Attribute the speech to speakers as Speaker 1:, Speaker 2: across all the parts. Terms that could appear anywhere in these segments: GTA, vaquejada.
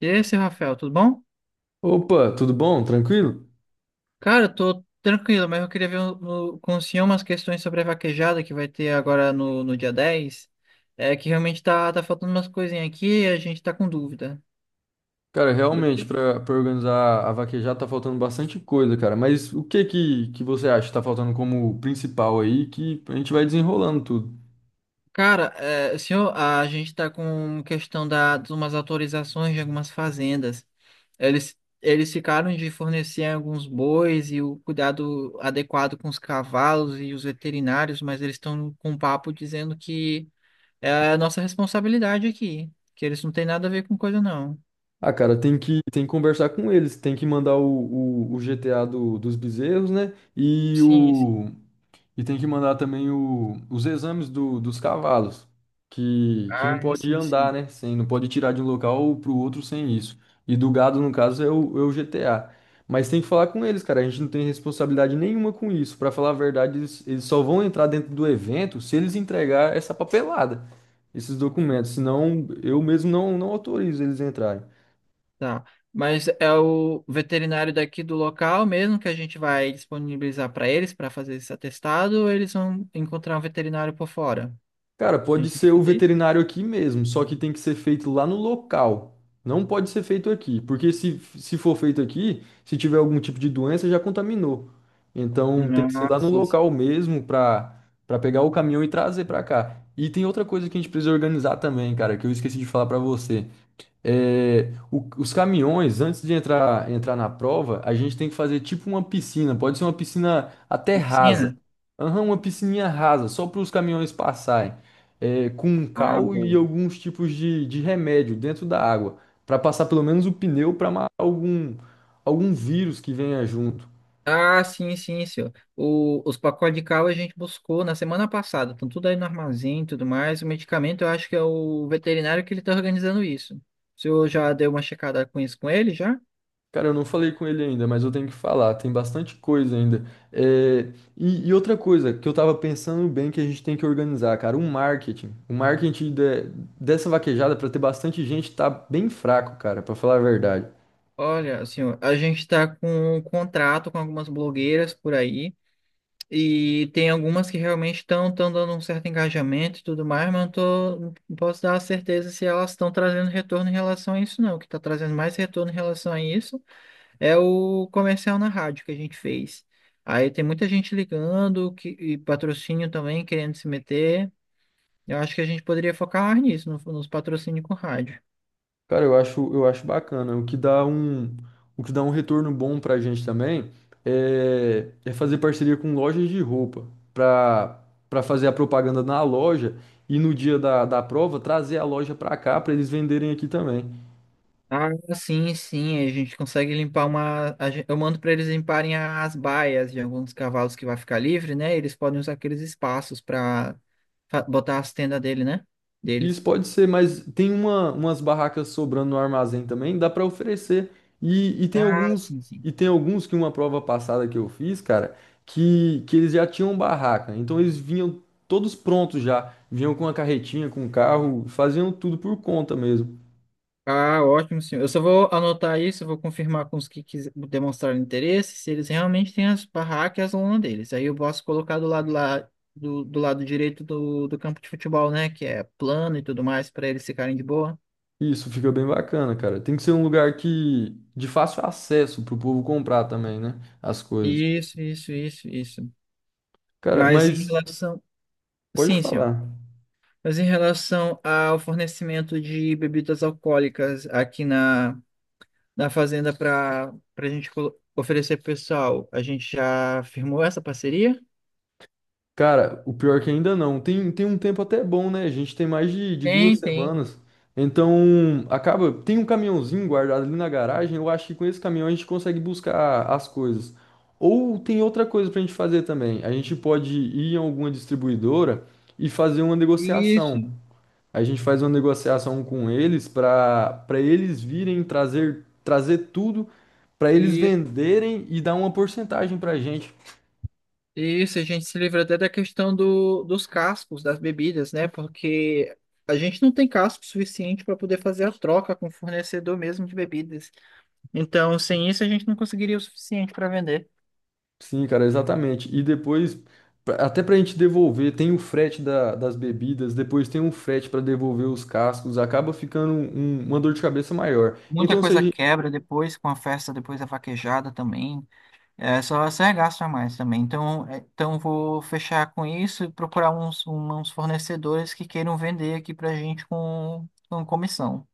Speaker 1: E esse, Rafael, tudo bom?
Speaker 2: Opa, tudo bom? Tranquilo?
Speaker 1: Cara, eu tô tranquilo, mas eu queria ver com o senhor umas questões sobre a vaquejada que vai ter agora no dia 10. É que realmente tá faltando umas coisinhas aqui e a gente tá com dúvida.
Speaker 2: Cara, realmente,
Speaker 1: Beleza?
Speaker 2: pra organizar a vaquejada tá faltando bastante coisa, cara. Mas o que que você acha que tá faltando como principal aí que a gente vai desenrolando tudo?
Speaker 1: Cara, senhor, a gente tá com questão de umas autorizações de algumas fazendas. Eles, eles ficaram de fornecer alguns bois e o cuidado adequado com os cavalos e os veterinários, mas eles estão com um papo dizendo que. É a nossa responsabilidade aqui, que eles não têm nada a ver com coisa, não.
Speaker 2: Ah, cara, tem que conversar com eles, tem que mandar o GTA dos bezerros, né?
Speaker 1: Sim, sim.
Speaker 2: E tem que mandar também os exames dos cavalos, que não
Speaker 1: Ah,
Speaker 2: pode
Speaker 1: sim,
Speaker 2: andar,
Speaker 1: sim.
Speaker 2: né? Sem, Não pode tirar de um local para o outro sem isso. E do gado, no caso, é o GTA. Mas tem que falar com eles, cara. A gente não tem responsabilidade nenhuma com isso. Para falar a verdade, eles só vão entrar dentro do evento se eles entregar essa papelada, esses documentos. Senão, eu mesmo não autorizo eles a entrarem.
Speaker 1: Tá. Mas é o veterinário daqui do local mesmo que a gente vai disponibilizar para eles para fazer esse atestado, ou eles vão encontrar um veterinário por fora?
Speaker 2: Cara,
Speaker 1: A
Speaker 2: pode
Speaker 1: gente vai
Speaker 2: ser o
Speaker 1: fazer isso?
Speaker 2: veterinário aqui mesmo, só que tem que ser feito lá no local. Não pode ser feito aqui, porque se for feito aqui, se tiver algum tipo de doença, já contaminou. Então tem que ser lá
Speaker 1: Ah,
Speaker 2: no
Speaker 1: sim, sim.
Speaker 2: local mesmo para pegar o caminhão e trazer para cá. E tem outra coisa que a gente precisa organizar também, cara, que eu esqueci de falar para você. É, os caminhões, antes de entrar na prova, a gente tem que fazer tipo uma piscina. Pode ser uma piscina até rasa.
Speaker 1: Oficina?
Speaker 2: Aham, uma piscininha rasa, só para os caminhões passarem. É, com um
Speaker 1: Ah,
Speaker 2: cal e
Speaker 1: boa.
Speaker 2: alguns tipos de remédio dentro da água. Para passar pelo menos o pneu para matar algum vírus que venha junto.
Speaker 1: Ah, sim, sim, senhor. Os pacotes de cal a gente buscou na semana passada. Estão tudo aí no armazém e tudo mais. O medicamento eu acho que é o veterinário que ele está organizando isso. O senhor já deu uma checada com isso com ele já?
Speaker 2: Cara, eu não falei com ele ainda, mas eu tenho que falar, tem bastante coisa ainda. É, e outra coisa que eu tava pensando bem que a gente tem que organizar, cara, um marketing. O dessa vaquejada pra ter bastante gente tá bem fraco, cara, pra falar a verdade.
Speaker 1: Olha, senhor, a gente está com um contrato com algumas blogueiras por aí. E tem algumas que realmente estão dando um certo engajamento e tudo mais, mas não posso dar certeza se elas estão trazendo retorno em relação a isso, não. O que está trazendo mais retorno em relação a isso. É o comercial na rádio que a gente fez. Aí tem muita gente ligando que, e patrocínio também querendo se meter. Eu acho que a gente poderia focar mais nisso, nos patrocínios com rádio.
Speaker 2: Cara, eu acho bacana. O que dá um retorno bom pra gente também é fazer parceria com lojas de roupa pra, pra fazer a propaganda na loja e no dia da prova trazer a loja pra cá pra eles venderem aqui também.
Speaker 1: Ah, sim, sim, a gente consegue limpar uma. Eu mando para eles limparem as baias de alguns cavalos que vai ficar livre, né? Eles podem usar aqueles espaços para botar as tendas dele, né?
Speaker 2: Isso
Speaker 1: Deles.
Speaker 2: pode ser, mas tem umas barracas sobrando no armazém também, dá para oferecer. E, e tem
Speaker 1: Ah,
Speaker 2: alguns
Speaker 1: sim, sim.
Speaker 2: e tem alguns que uma prova passada que eu fiz, cara, que eles já tinham barraca. Então eles vinham todos prontos já, vinham com a carretinha, com o carro, faziam tudo por conta mesmo.
Speaker 1: Ah, ótimo, senhor. Eu só vou anotar isso, vou confirmar com os que demonstraram interesse, se eles realmente têm as barracas e as lona deles. Aí eu posso colocar do lado lá, do lado direito do campo de futebol, né? Que é plano e tudo mais, para eles ficarem de boa.
Speaker 2: Isso fica bem bacana, cara. Tem que ser um lugar que de fácil acesso pro povo comprar também, né? As coisas.
Speaker 1: Isso, isso, isso, isso.
Speaker 2: Cara,
Speaker 1: Mas em
Speaker 2: mas
Speaker 1: relação.
Speaker 2: pode
Speaker 1: Sim, senhor.
Speaker 2: falar.
Speaker 1: Mas em relação ao fornecimento de bebidas alcoólicas aqui na fazenda para a gente oferecer pro pessoal, a gente já firmou essa parceria?
Speaker 2: Cara, o pior é que ainda não. Tem um tempo até bom, né? A gente tem mais de
Speaker 1: Tem,
Speaker 2: duas
Speaker 1: tem.
Speaker 2: semanas. Então, acaba. Tem um caminhãozinho guardado ali na garagem. Eu acho que com esse caminhão a gente consegue buscar as coisas. Ou tem outra coisa pra gente fazer também. A gente pode ir em alguma distribuidora e fazer uma
Speaker 1: Isso,
Speaker 2: negociação. A gente faz uma negociação com eles para eles virem trazer tudo, para eles
Speaker 1: isso,
Speaker 2: venderem e dar uma porcentagem pra gente.
Speaker 1: isso. A gente se livra até da questão dos cascos das bebidas, né? Porque a gente não tem casco suficiente para poder fazer a troca com o fornecedor mesmo de bebidas. Então, sem isso, a gente não conseguiria o suficiente para vender.
Speaker 2: Sim, cara, exatamente. E depois, até pra gente devolver, tem o das bebidas, depois tem um frete pra devolver os cascos, acaba ficando uma dor de cabeça maior.
Speaker 1: Muita
Speaker 2: Então,
Speaker 1: coisa
Speaker 2: seja.
Speaker 1: quebra depois, com a festa, depois da vaquejada também. É só é gasto a mais também. Então, então vou fechar com isso e procurar uns fornecedores que queiram vender aqui pra gente com comissão.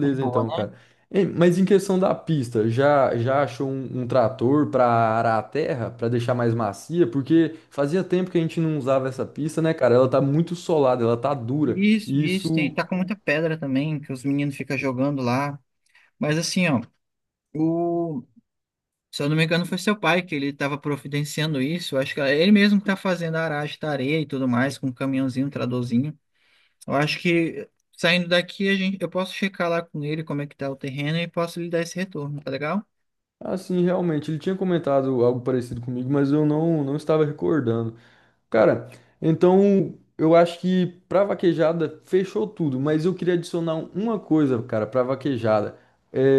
Speaker 1: Tá de boa,
Speaker 2: então, cara.
Speaker 1: né?
Speaker 2: Ei, mas em questão da pista, já achou um trator pra arar a terra, pra deixar mais macia? Porque fazia tempo que a gente não usava essa pista, né, cara? Ela tá muito solada, ela tá dura.
Speaker 1: Isso,
Speaker 2: E
Speaker 1: isso, tem,
Speaker 2: isso
Speaker 1: tá com muita pedra também, que os meninos ficam jogando lá. Mas assim, ó, o, se eu não me engano, foi seu pai que ele tava providenciando isso. Eu acho que ele mesmo que tá fazendo a aragem da areia e tudo mais, com um caminhãozinho, um tradorzinho. Eu acho que saindo daqui, eu posso checar lá com ele como é que tá o terreno e posso lhe dar esse retorno, tá legal?
Speaker 2: assim, realmente, ele tinha comentado algo parecido comigo, mas eu não estava recordando. Cara, então eu acho que pra vaquejada fechou tudo, mas eu queria adicionar uma coisa, cara, pra vaquejada.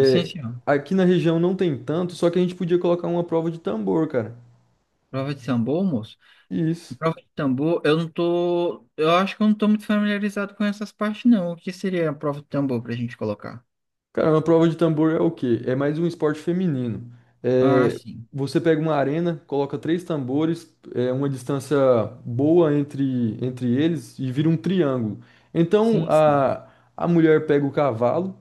Speaker 1: Assim, assim, ó.
Speaker 2: aqui na região não tem tanto, só que a gente podia colocar uma prova de tambor, cara.
Speaker 1: Prova de tambor, moço.
Speaker 2: Isso.
Speaker 1: Prova de tambor, eu não tô. Eu acho que eu não tô muito familiarizado com essas partes, não. O que seria a prova de tambor pra gente colocar?
Speaker 2: Cara, uma prova de tambor é o quê? É mais um esporte feminino.
Speaker 1: Ah,
Speaker 2: É,
Speaker 1: sim.
Speaker 2: você pega uma arena, coloca três tambores, é, uma distância boa entre eles e vira um triângulo. Então
Speaker 1: Sim, sim.
Speaker 2: a mulher pega o cavalo,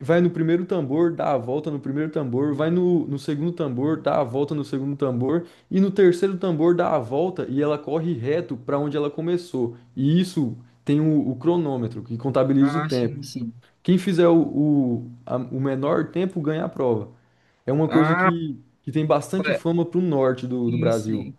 Speaker 2: vai no primeiro tambor, dá a volta no primeiro tambor, vai no segundo tambor, dá a volta no segundo tambor, e no terceiro tambor dá a volta e ela corre reto para onde ela começou. E isso tem o cronômetro, que contabiliza o
Speaker 1: Ah,
Speaker 2: tempo.
Speaker 1: sim, sim.
Speaker 2: Quem fizer o menor tempo ganha a prova. É uma coisa
Speaker 1: Ah,
Speaker 2: que tem bastante
Speaker 1: pa-
Speaker 2: fama pro norte do
Speaker 1: sim,
Speaker 2: Brasil.
Speaker 1: sim.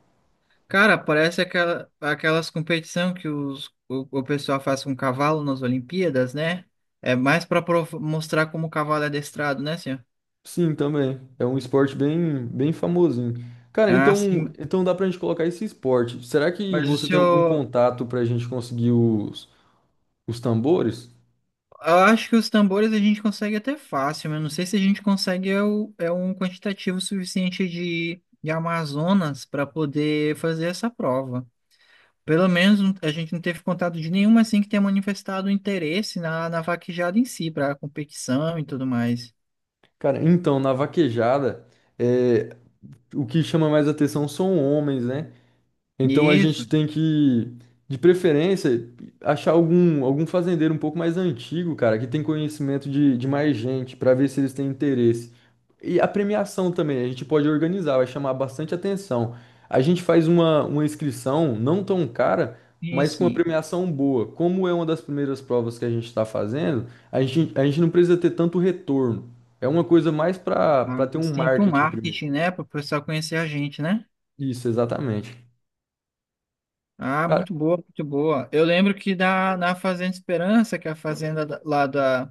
Speaker 1: Cara, parece aquela, aquelas competição que o pessoal faz com cavalo nas Olimpíadas, né? É mais para mostrar como o cavalo é adestrado, né, senhor?
Speaker 2: Sim, também. É um esporte bem famosinho. Cara,
Speaker 1: Ah, sim.
Speaker 2: então dá pra gente colocar esse esporte. Será que
Speaker 1: Mas o
Speaker 2: você tem algum
Speaker 1: senhor,
Speaker 2: contato pra gente conseguir os tambores?
Speaker 1: eu acho que os tambores a gente consegue até fácil, mas eu não sei se a gente consegue é um quantitativo suficiente de Amazonas para poder fazer essa prova. Pelo menos a gente não teve contato de nenhuma assim que tenha manifestado interesse na vaquejada em si, para competição e tudo mais.
Speaker 2: Cara, então, na vaquejada, é, o que chama mais atenção são homens, né? Então a
Speaker 1: Isso,
Speaker 2: gente tem que, de preferência, achar algum fazendeiro um pouco mais antigo, cara, que tem conhecimento de mais gente, para ver se eles têm interesse. E a premiação também, a gente pode organizar, vai chamar bastante atenção. A gente faz uma inscrição não tão cara,
Speaker 1: sim,
Speaker 2: mas com uma
Speaker 1: sim.
Speaker 2: premiação boa. Como é uma das primeiras provas que a gente está fazendo, a gente não precisa ter tanto retorno. É uma coisa mais para
Speaker 1: Ah,
Speaker 2: para ter um
Speaker 1: assim, para o
Speaker 2: marketing primeiro.
Speaker 1: marketing, né? Para o pessoal conhecer a gente, né?
Speaker 2: Isso, exatamente.
Speaker 1: Ah, muito boa, muito boa. Eu lembro que na Fazenda Esperança, que é a fazenda da- lá da,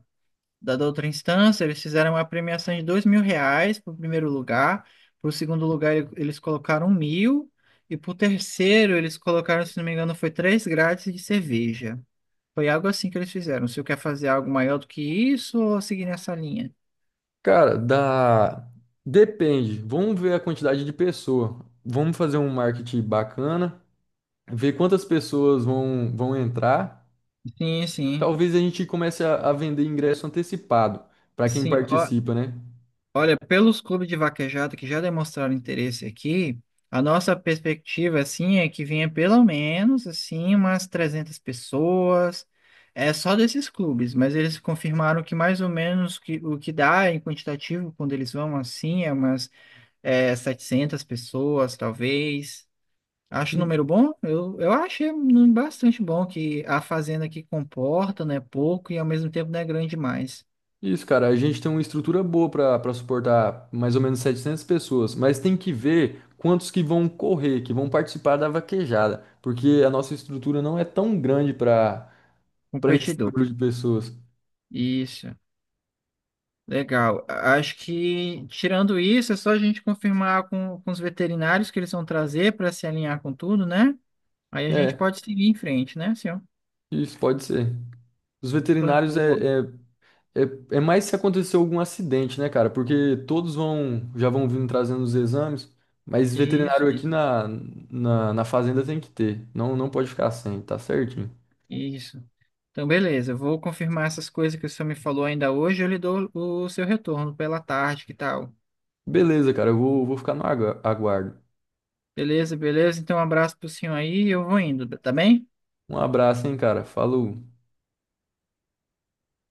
Speaker 1: da, da outra instância, eles fizeram uma premiação de R$ 2.000 para o primeiro lugar. Para o segundo lugar, eles colocaram mil. E para o terceiro, eles colocaram, se não me engano, foi três grátis de cerveja. Foi algo assim que eles fizeram. Se eu quer fazer algo maior do que isso ou seguir nessa linha?
Speaker 2: Cara, dá. Depende. Vamos ver a quantidade de pessoa. Vamos fazer um marketing bacana, ver quantas pessoas vão entrar.
Speaker 1: Sim, sim.
Speaker 2: Talvez a gente comece a vender ingresso antecipado para quem
Speaker 1: Sim, ó,
Speaker 2: participa, né?
Speaker 1: olha, pelos clubes de vaquejada que já demonstraram interesse aqui, a nossa perspectiva, assim, é que venha pelo menos, assim, umas 300 pessoas, é só desses clubes, mas eles confirmaram que mais ou menos que, o que dá em quantitativo quando eles vão, assim, é umas 700 pessoas, talvez. Acho o
Speaker 2: Hum.
Speaker 1: número bom? Eu achei um número bastante bom, que a fazenda que comporta, né, pouco e ao mesmo tempo não é grande demais.
Speaker 2: Isso, cara. A gente tem uma estrutura boa para suportar mais ou menos 700 pessoas, mas tem que ver quantos que vão correr, que vão participar da vaquejada, porque a nossa estrutura não é tão grande para esse
Speaker 1: Competidor.
Speaker 2: número de pessoas.
Speaker 1: Isso. Legal. Acho que, tirando isso, é só a gente confirmar com os veterinários que eles vão trazer para se alinhar com tudo, né? Aí a gente
Speaker 2: É,
Speaker 1: pode seguir em frente, né, senhor?
Speaker 2: isso pode ser. Os
Speaker 1: Boa,
Speaker 2: veterinários
Speaker 1: boa.
Speaker 2: é, é mais se acontecer algum acidente, né, cara? Porque todos vão vindo trazendo os exames, mas
Speaker 1: Isso,
Speaker 2: veterinário aqui
Speaker 1: isso,
Speaker 2: na fazenda tem que ter. Não pode ficar sem, tá certinho.
Speaker 1: isso. Então, beleza. Eu vou confirmar essas coisas que o senhor me falou ainda hoje. Eu lhe dou o seu retorno pela tarde, que tal?
Speaker 2: Beleza, cara, vou ficar no aguardo.
Speaker 1: Beleza, beleza. Então, um abraço pro senhor aí e eu vou indo, tá bem?
Speaker 2: Um abraço, hein, cara. Falou.